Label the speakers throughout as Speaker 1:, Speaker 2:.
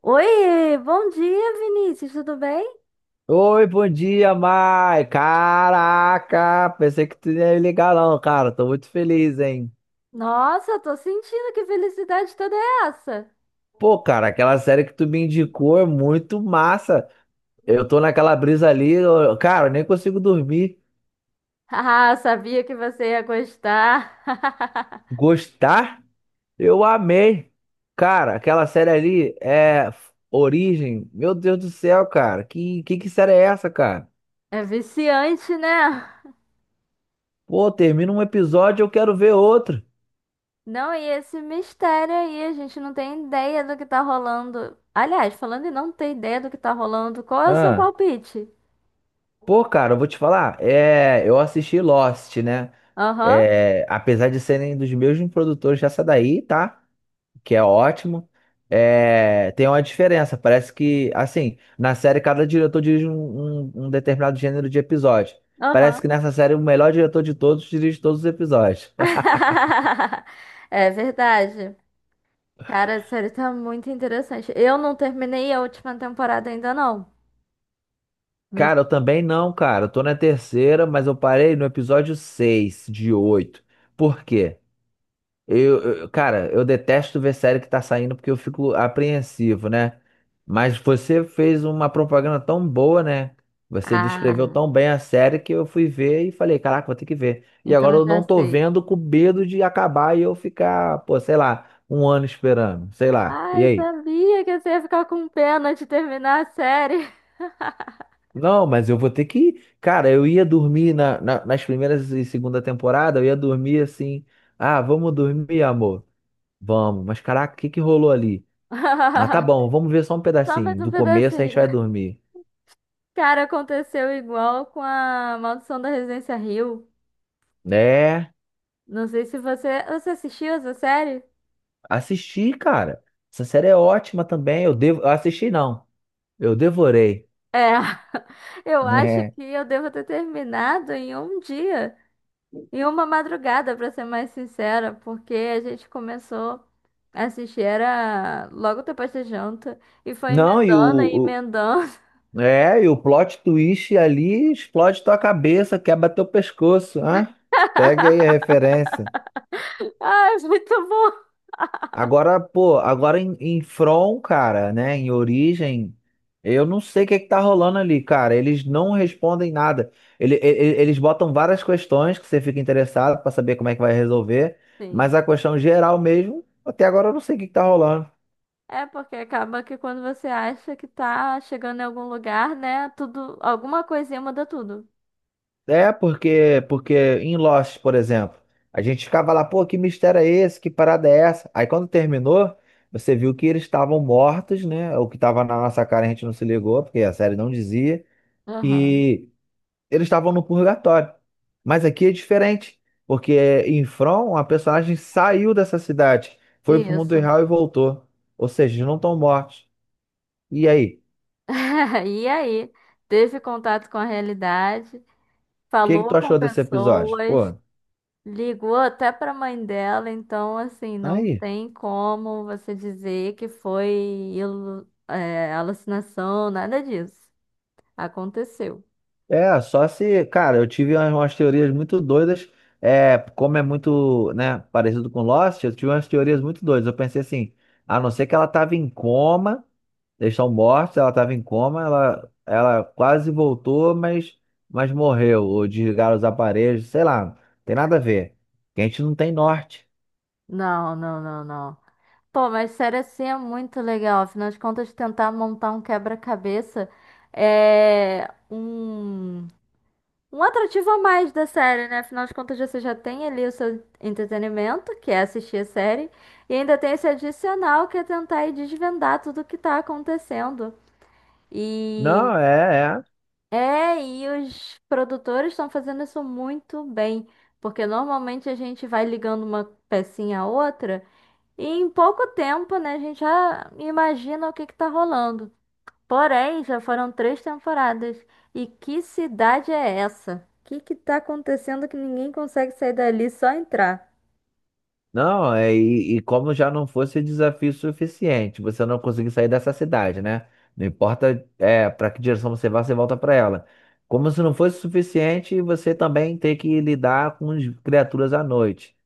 Speaker 1: Oi, bom dia, Vinícius, tudo bem?
Speaker 2: Oi, bom dia, Mai. Caraca, pensei que tu não ia ligar não, cara. Tô muito feliz, hein?
Speaker 1: Nossa, tô sentindo que felicidade toda é essa.
Speaker 2: Pô, cara, aquela série que tu me indicou é muito massa. Eu tô naquela brisa ali, cara, eu nem consigo dormir.
Speaker 1: Ah, sabia que você ia gostar.
Speaker 2: Gostar? Eu amei. Cara, aquela série ali é Origem. Meu Deus do céu, cara. Que série é essa, cara?
Speaker 1: É viciante, né?
Speaker 2: Pô, termina um episódio, eu quero ver outro.
Speaker 1: Não, e esse mistério aí, a gente não tem ideia do que tá rolando. Aliás, falando em não ter ideia do que tá rolando, qual é o seu
Speaker 2: Ah,
Speaker 1: palpite?
Speaker 2: pô, cara, eu vou te falar. É, eu assisti Lost, né?
Speaker 1: Aham,
Speaker 2: É, apesar de serem dos mesmos produtores dessa daí, tá? Que é ótimo. É, tem uma diferença. Parece que, assim, na série cada diretor dirige um determinado gênero de episódio. Parece
Speaker 1: aham.
Speaker 2: que nessa série o melhor diretor de todos dirige todos os episódios.
Speaker 1: É verdade. Cara, a série tá muito interessante. Eu não terminei a última temporada ainda, não. Não.
Speaker 2: Cara, eu também não, cara. Eu tô na terceira, mas eu parei no episódio 6 de oito. Por quê? Cara, eu detesto ver série que tá saindo porque eu fico apreensivo, né? Mas você fez uma propaganda tão boa, né? Você descreveu
Speaker 1: Ah,
Speaker 2: tão bem a série que eu fui ver e falei, caraca, vou ter que ver. E agora
Speaker 1: então
Speaker 2: eu
Speaker 1: já
Speaker 2: não tô
Speaker 1: sei.
Speaker 2: vendo com medo de acabar e eu ficar, pô, sei lá, um ano esperando, sei lá. E
Speaker 1: Ai,
Speaker 2: aí?
Speaker 1: sabia que você ia ficar com pena de terminar a série.
Speaker 2: Não, mas eu vou ter que. Cara, eu ia dormir nas primeiras e segunda temporada, eu ia dormir assim. Ah, vamos dormir, amor. Vamos. Mas caraca, o que que rolou ali? Ah, tá bom, vamos ver só um
Speaker 1: Só mais
Speaker 2: pedacinho.
Speaker 1: um
Speaker 2: Do começo a gente vai
Speaker 1: pedacinho.
Speaker 2: dormir.
Speaker 1: Cara, aconteceu igual com a Maldição da Residência Hill.
Speaker 2: É,
Speaker 1: Não sei se você assistiu essa série?
Speaker 2: assisti, cara. Essa série é ótima também. Eu assisti não. Eu devorei.
Speaker 1: É, eu acho
Speaker 2: É.
Speaker 1: que eu devo ter terminado em um dia, em uma madrugada, pra ser mais sincera, porque a gente começou a assistir era logo depois da janta e foi
Speaker 2: Não, e
Speaker 1: emendando e
Speaker 2: o,
Speaker 1: emendando.
Speaker 2: o- é, e o plot twist ali explode tua cabeça, quebra teu pescoço, ah? Pegue aí a referência.
Speaker 1: Ah, é muito bom.
Speaker 2: Agora, pô, agora em From, cara, né? Em Origem, eu não sei o que é que tá rolando ali, cara. Eles não respondem nada. Eles botam várias questões que você fica interessado pra saber como é que vai resolver,
Speaker 1: Sim.
Speaker 2: mas a questão geral mesmo, até agora eu não sei o que que tá rolando.
Speaker 1: É porque acaba que quando você acha que tá chegando em algum lugar, né? Tudo, alguma coisinha muda tudo.
Speaker 2: É, porque em Lost, por exemplo, a gente ficava lá, pô, que mistério é esse? Que parada é essa? Aí quando terminou, você viu que eles estavam mortos, né? O que tava na nossa cara a gente não se ligou, porque a série não dizia.
Speaker 1: Aham,
Speaker 2: E eles estavam no purgatório. Mas aqui é diferente, porque é, em From a personagem saiu dessa cidade, foi pro mundo
Speaker 1: isso.
Speaker 2: real e voltou. Ou seja, eles não estão mortos. E aí?
Speaker 1: E aí, teve contato com a realidade,
Speaker 2: O que que
Speaker 1: falou
Speaker 2: tu
Speaker 1: com
Speaker 2: achou desse episódio?
Speaker 1: pessoas,
Speaker 2: Pô,
Speaker 1: ligou até pra mãe dela, então assim,
Speaker 2: tá
Speaker 1: não
Speaker 2: aí.
Speaker 1: tem como você dizer que foi alucinação, nada disso. Aconteceu.
Speaker 2: É, só se, cara, eu tive umas teorias muito doidas, é, como é muito, né, parecido com Lost, eu tive umas teorias muito doidas. Eu pensei assim, a não ser que ela tava em coma, eles estão mortos, ela tava em coma, ela quase voltou, mas morreu, ou desligaram os aparelhos, sei lá, tem nada a ver. Que a gente não tem norte.
Speaker 1: Não, não, não, não. Pô, mas sério assim é muito legal. Afinal de contas, tentar montar um quebra-cabeça é um atrativo a mais da série, né? Afinal de contas, você já tem ali o seu entretenimento, que é assistir a série, e ainda tem esse adicional que é tentar ir desvendar tudo o que tá acontecendo. E
Speaker 2: Não, é, é.
Speaker 1: e os produtores estão fazendo isso muito bem, porque normalmente a gente vai ligando uma pecinha a outra. E em pouco tempo, né, a gente já imagina o que que tá rolando. Porém, já foram três temporadas. E que cidade é essa? O que que tá acontecendo que ninguém consegue sair dali, só entrar?
Speaker 2: Não, é, e como já não fosse desafio suficiente, você não conseguir sair dessa cidade, né? Não importa é, para que direção você vá, você volta para ela. Como se não fosse suficiente, você também ter que lidar com as criaturas à noite.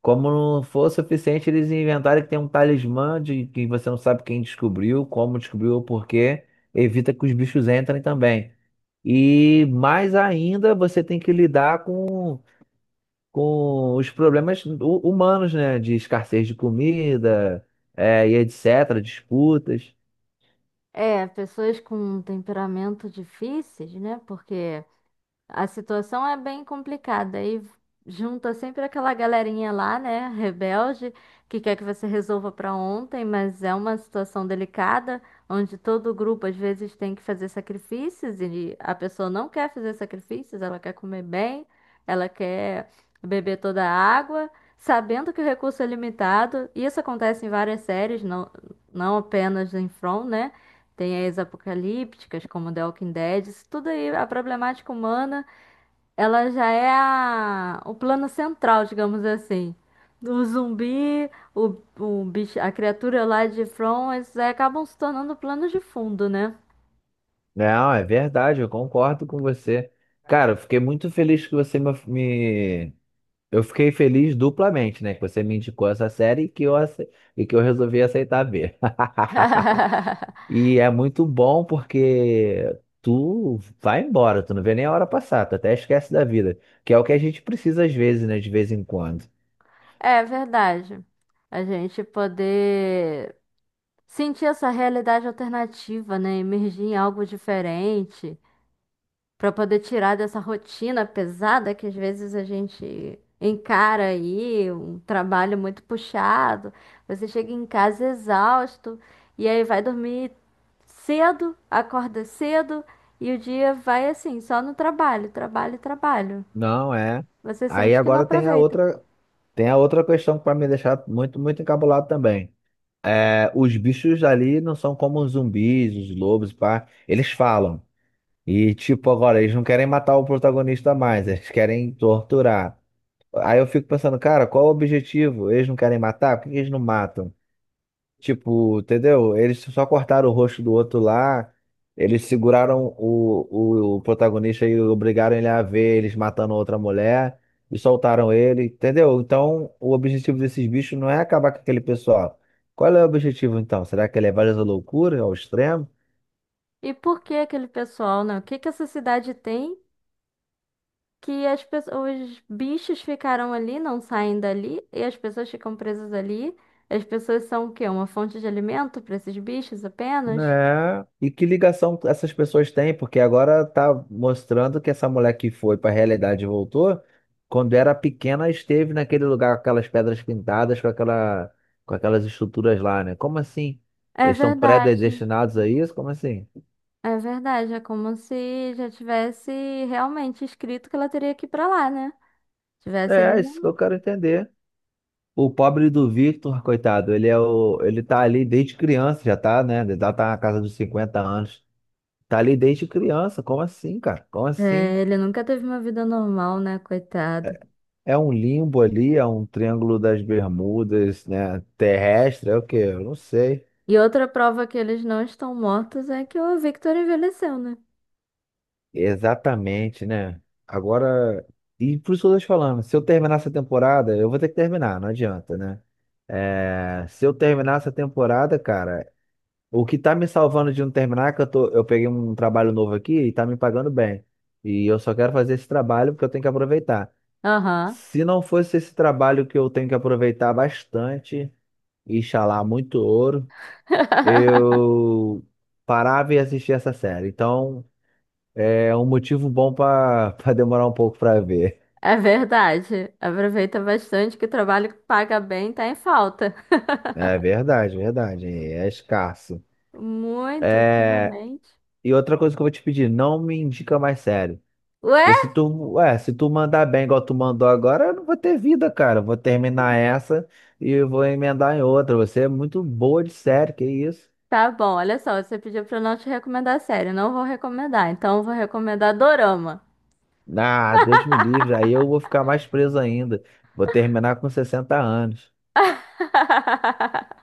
Speaker 2: Como não for suficiente, eles inventarem que tem um talismã de que você não sabe quem descobriu, como descobriu ou por quê. Evita que os bichos entrem também. E mais ainda, você tem que lidar com os problemas humanos, né? De escassez de comida, é, e etc., disputas.
Speaker 1: É, pessoas com temperamento difíceis, né? Porque a situação é bem complicada e junta sempre aquela galerinha lá, né, rebelde, que quer que você resolva para ontem, mas é uma situação delicada, onde todo grupo às vezes tem que fazer sacrifícios e a pessoa não quer fazer sacrifícios, ela quer comer bem, ela quer beber toda a água, sabendo que o recurso é limitado. E isso acontece em várias séries, não, não apenas em From, né? Tem as apocalípticas, como The Walking Dead, isso tudo aí, a problemática humana. Ela já é o plano central, digamos assim. O zumbi, o bicho, a criatura lá de From, eles aí acabam se tornando plano de fundo, né?
Speaker 2: Não, é verdade, eu concordo com você. Cara, eu fiquei muito feliz que você eu fiquei feliz duplamente, né? Que você me indicou essa série e que e que eu resolvi aceitar ver. E é muito bom porque tu vai embora, tu não vê nem a hora passar, tu até esquece da vida, que é o que a gente precisa às vezes, né? De vez em quando.
Speaker 1: É verdade. A gente poder sentir essa realidade alternativa, né? Emergir em algo diferente, para poder tirar dessa rotina pesada que às vezes a gente encara aí, um trabalho muito puxado. Você chega em casa exausto e aí vai dormir cedo, acorda cedo e o dia vai assim, só no trabalho, trabalho, trabalho.
Speaker 2: Não é.
Speaker 1: Você
Speaker 2: Aí
Speaker 1: sente que não
Speaker 2: agora
Speaker 1: aproveita.
Speaker 2: tem a outra questão que vai me deixar muito, muito encabulado também. É, os bichos ali não são como os zumbis, os lobos, pá. Eles falam. E tipo, agora eles não querem matar o protagonista mais, eles querem torturar. Aí eu fico pensando, cara, qual o objetivo? Eles não querem matar? Por que eles não matam? Tipo, entendeu? Eles só cortaram o rosto do outro lá. Eles seguraram o protagonista e obrigaram ele a ver eles matando outra mulher e soltaram ele, entendeu? Então, o objetivo desses bichos não é acabar com aquele pessoal. Qual é o objetivo então? Será que é levar eles à loucura, ao extremo?
Speaker 1: E por que aquele pessoal, não? O que que essa cidade tem? Que as pessoas, os bichos ficaram ali, não saem dali, e as pessoas ficam presas ali. As pessoas são o quê? Uma fonte de alimento para esses bichos apenas?
Speaker 2: Né? E que ligação essas pessoas têm? Porque agora tá mostrando que essa mulher que foi para a realidade e voltou, quando era pequena, esteve naquele lugar com aquelas pedras pintadas, com aquelas estruturas lá, né? Como assim?
Speaker 1: É
Speaker 2: Eles estão
Speaker 1: verdade,
Speaker 2: predestinados a isso? Como assim?
Speaker 1: é verdade. É como se já tivesse realmente escrito que ela teria que ir pra lá, né?
Speaker 2: É,
Speaker 1: Tivesse ali.
Speaker 2: é isso que
Speaker 1: no-
Speaker 2: eu quero entender. O pobre do Victor, coitado, ele tá ali desde criança, já tá, né? Já tá na casa dos 50 anos. Tá ali desde criança. Como assim, cara? Como assim?
Speaker 1: É, ele nunca teve uma vida normal, né? Coitado.
Speaker 2: É um limbo ali, é um triângulo das Bermudas, né? Terrestre, é o quê? Eu não sei.
Speaker 1: E outra prova que eles não estão mortos é que o Victor envelheceu, né?
Speaker 2: Exatamente, né? Agora, e por isso que eu tô te falando, se eu terminar essa temporada, eu vou ter que terminar, não adianta, né? É, se eu terminar essa temporada, cara, o que tá me salvando de não terminar é que eu tô, eu peguei um trabalho novo aqui e tá me pagando bem. E eu só quero fazer esse trabalho porque eu tenho que aproveitar.
Speaker 1: Aham.
Speaker 2: Se não fosse esse trabalho que eu tenho que aproveitar bastante, e ralar muito ouro. Eu parava e assistia essa série. Então, é um motivo bom para para demorar um pouco para ver.
Speaker 1: É verdade. Aproveita bastante que o trabalho que paga bem tá em falta.
Speaker 2: É verdade, verdade. É escasso.
Speaker 1: Muito
Speaker 2: É,
Speaker 1: ultimamente.
Speaker 2: e outra coisa que eu vou te pedir, não me indica mais série. Porque
Speaker 1: Ué?
Speaker 2: se tu, ué, se tu mandar bem igual tu mandou agora, eu não vou ter vida, cara. Eu vou terminar essa e eu vou emendar em outra. Você é muito boa de série, que isso?
Speaker 1: Tá bom, olha só, você pediu pra eu não te recomendar série, eu não vou recomendar, então eu vou recomendar dorama.
Speaker 2: Ah, Deus me livre. Aí eu vou ficar mais preso ainda. Vou terminar com 60 anos.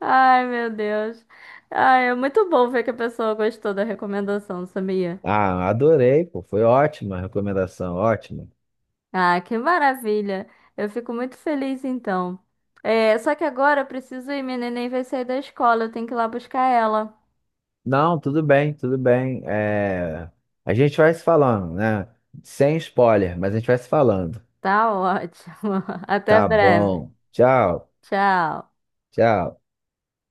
Speaker 1: Ai, meu Deus. Ai, é muito bom ver que a pessoa gostou da recomendação, sabia?
Speaker 2: Ah, adorei, pô. Foi ótima a recomendação, ótima.
Speaker 1: Ah, que maravilha. Eu fico muito feliz então. É, só que agora eu preciso ir, minha neném vai sair da escola, eu tenho que ir lá buscar ela.
Speaker 2: Não, tudo bem, tudo bem. É, a gente vai se falando, né? Sem spoiler, mas a gente vai se falando.
Speaker 1: Tá ótimo. Até
Speaker 2: Tá
Speaker 1: breve.
Speaker 2: bom. Tchau,
Speaker 1: Tchau.
Speaker 2: tchau.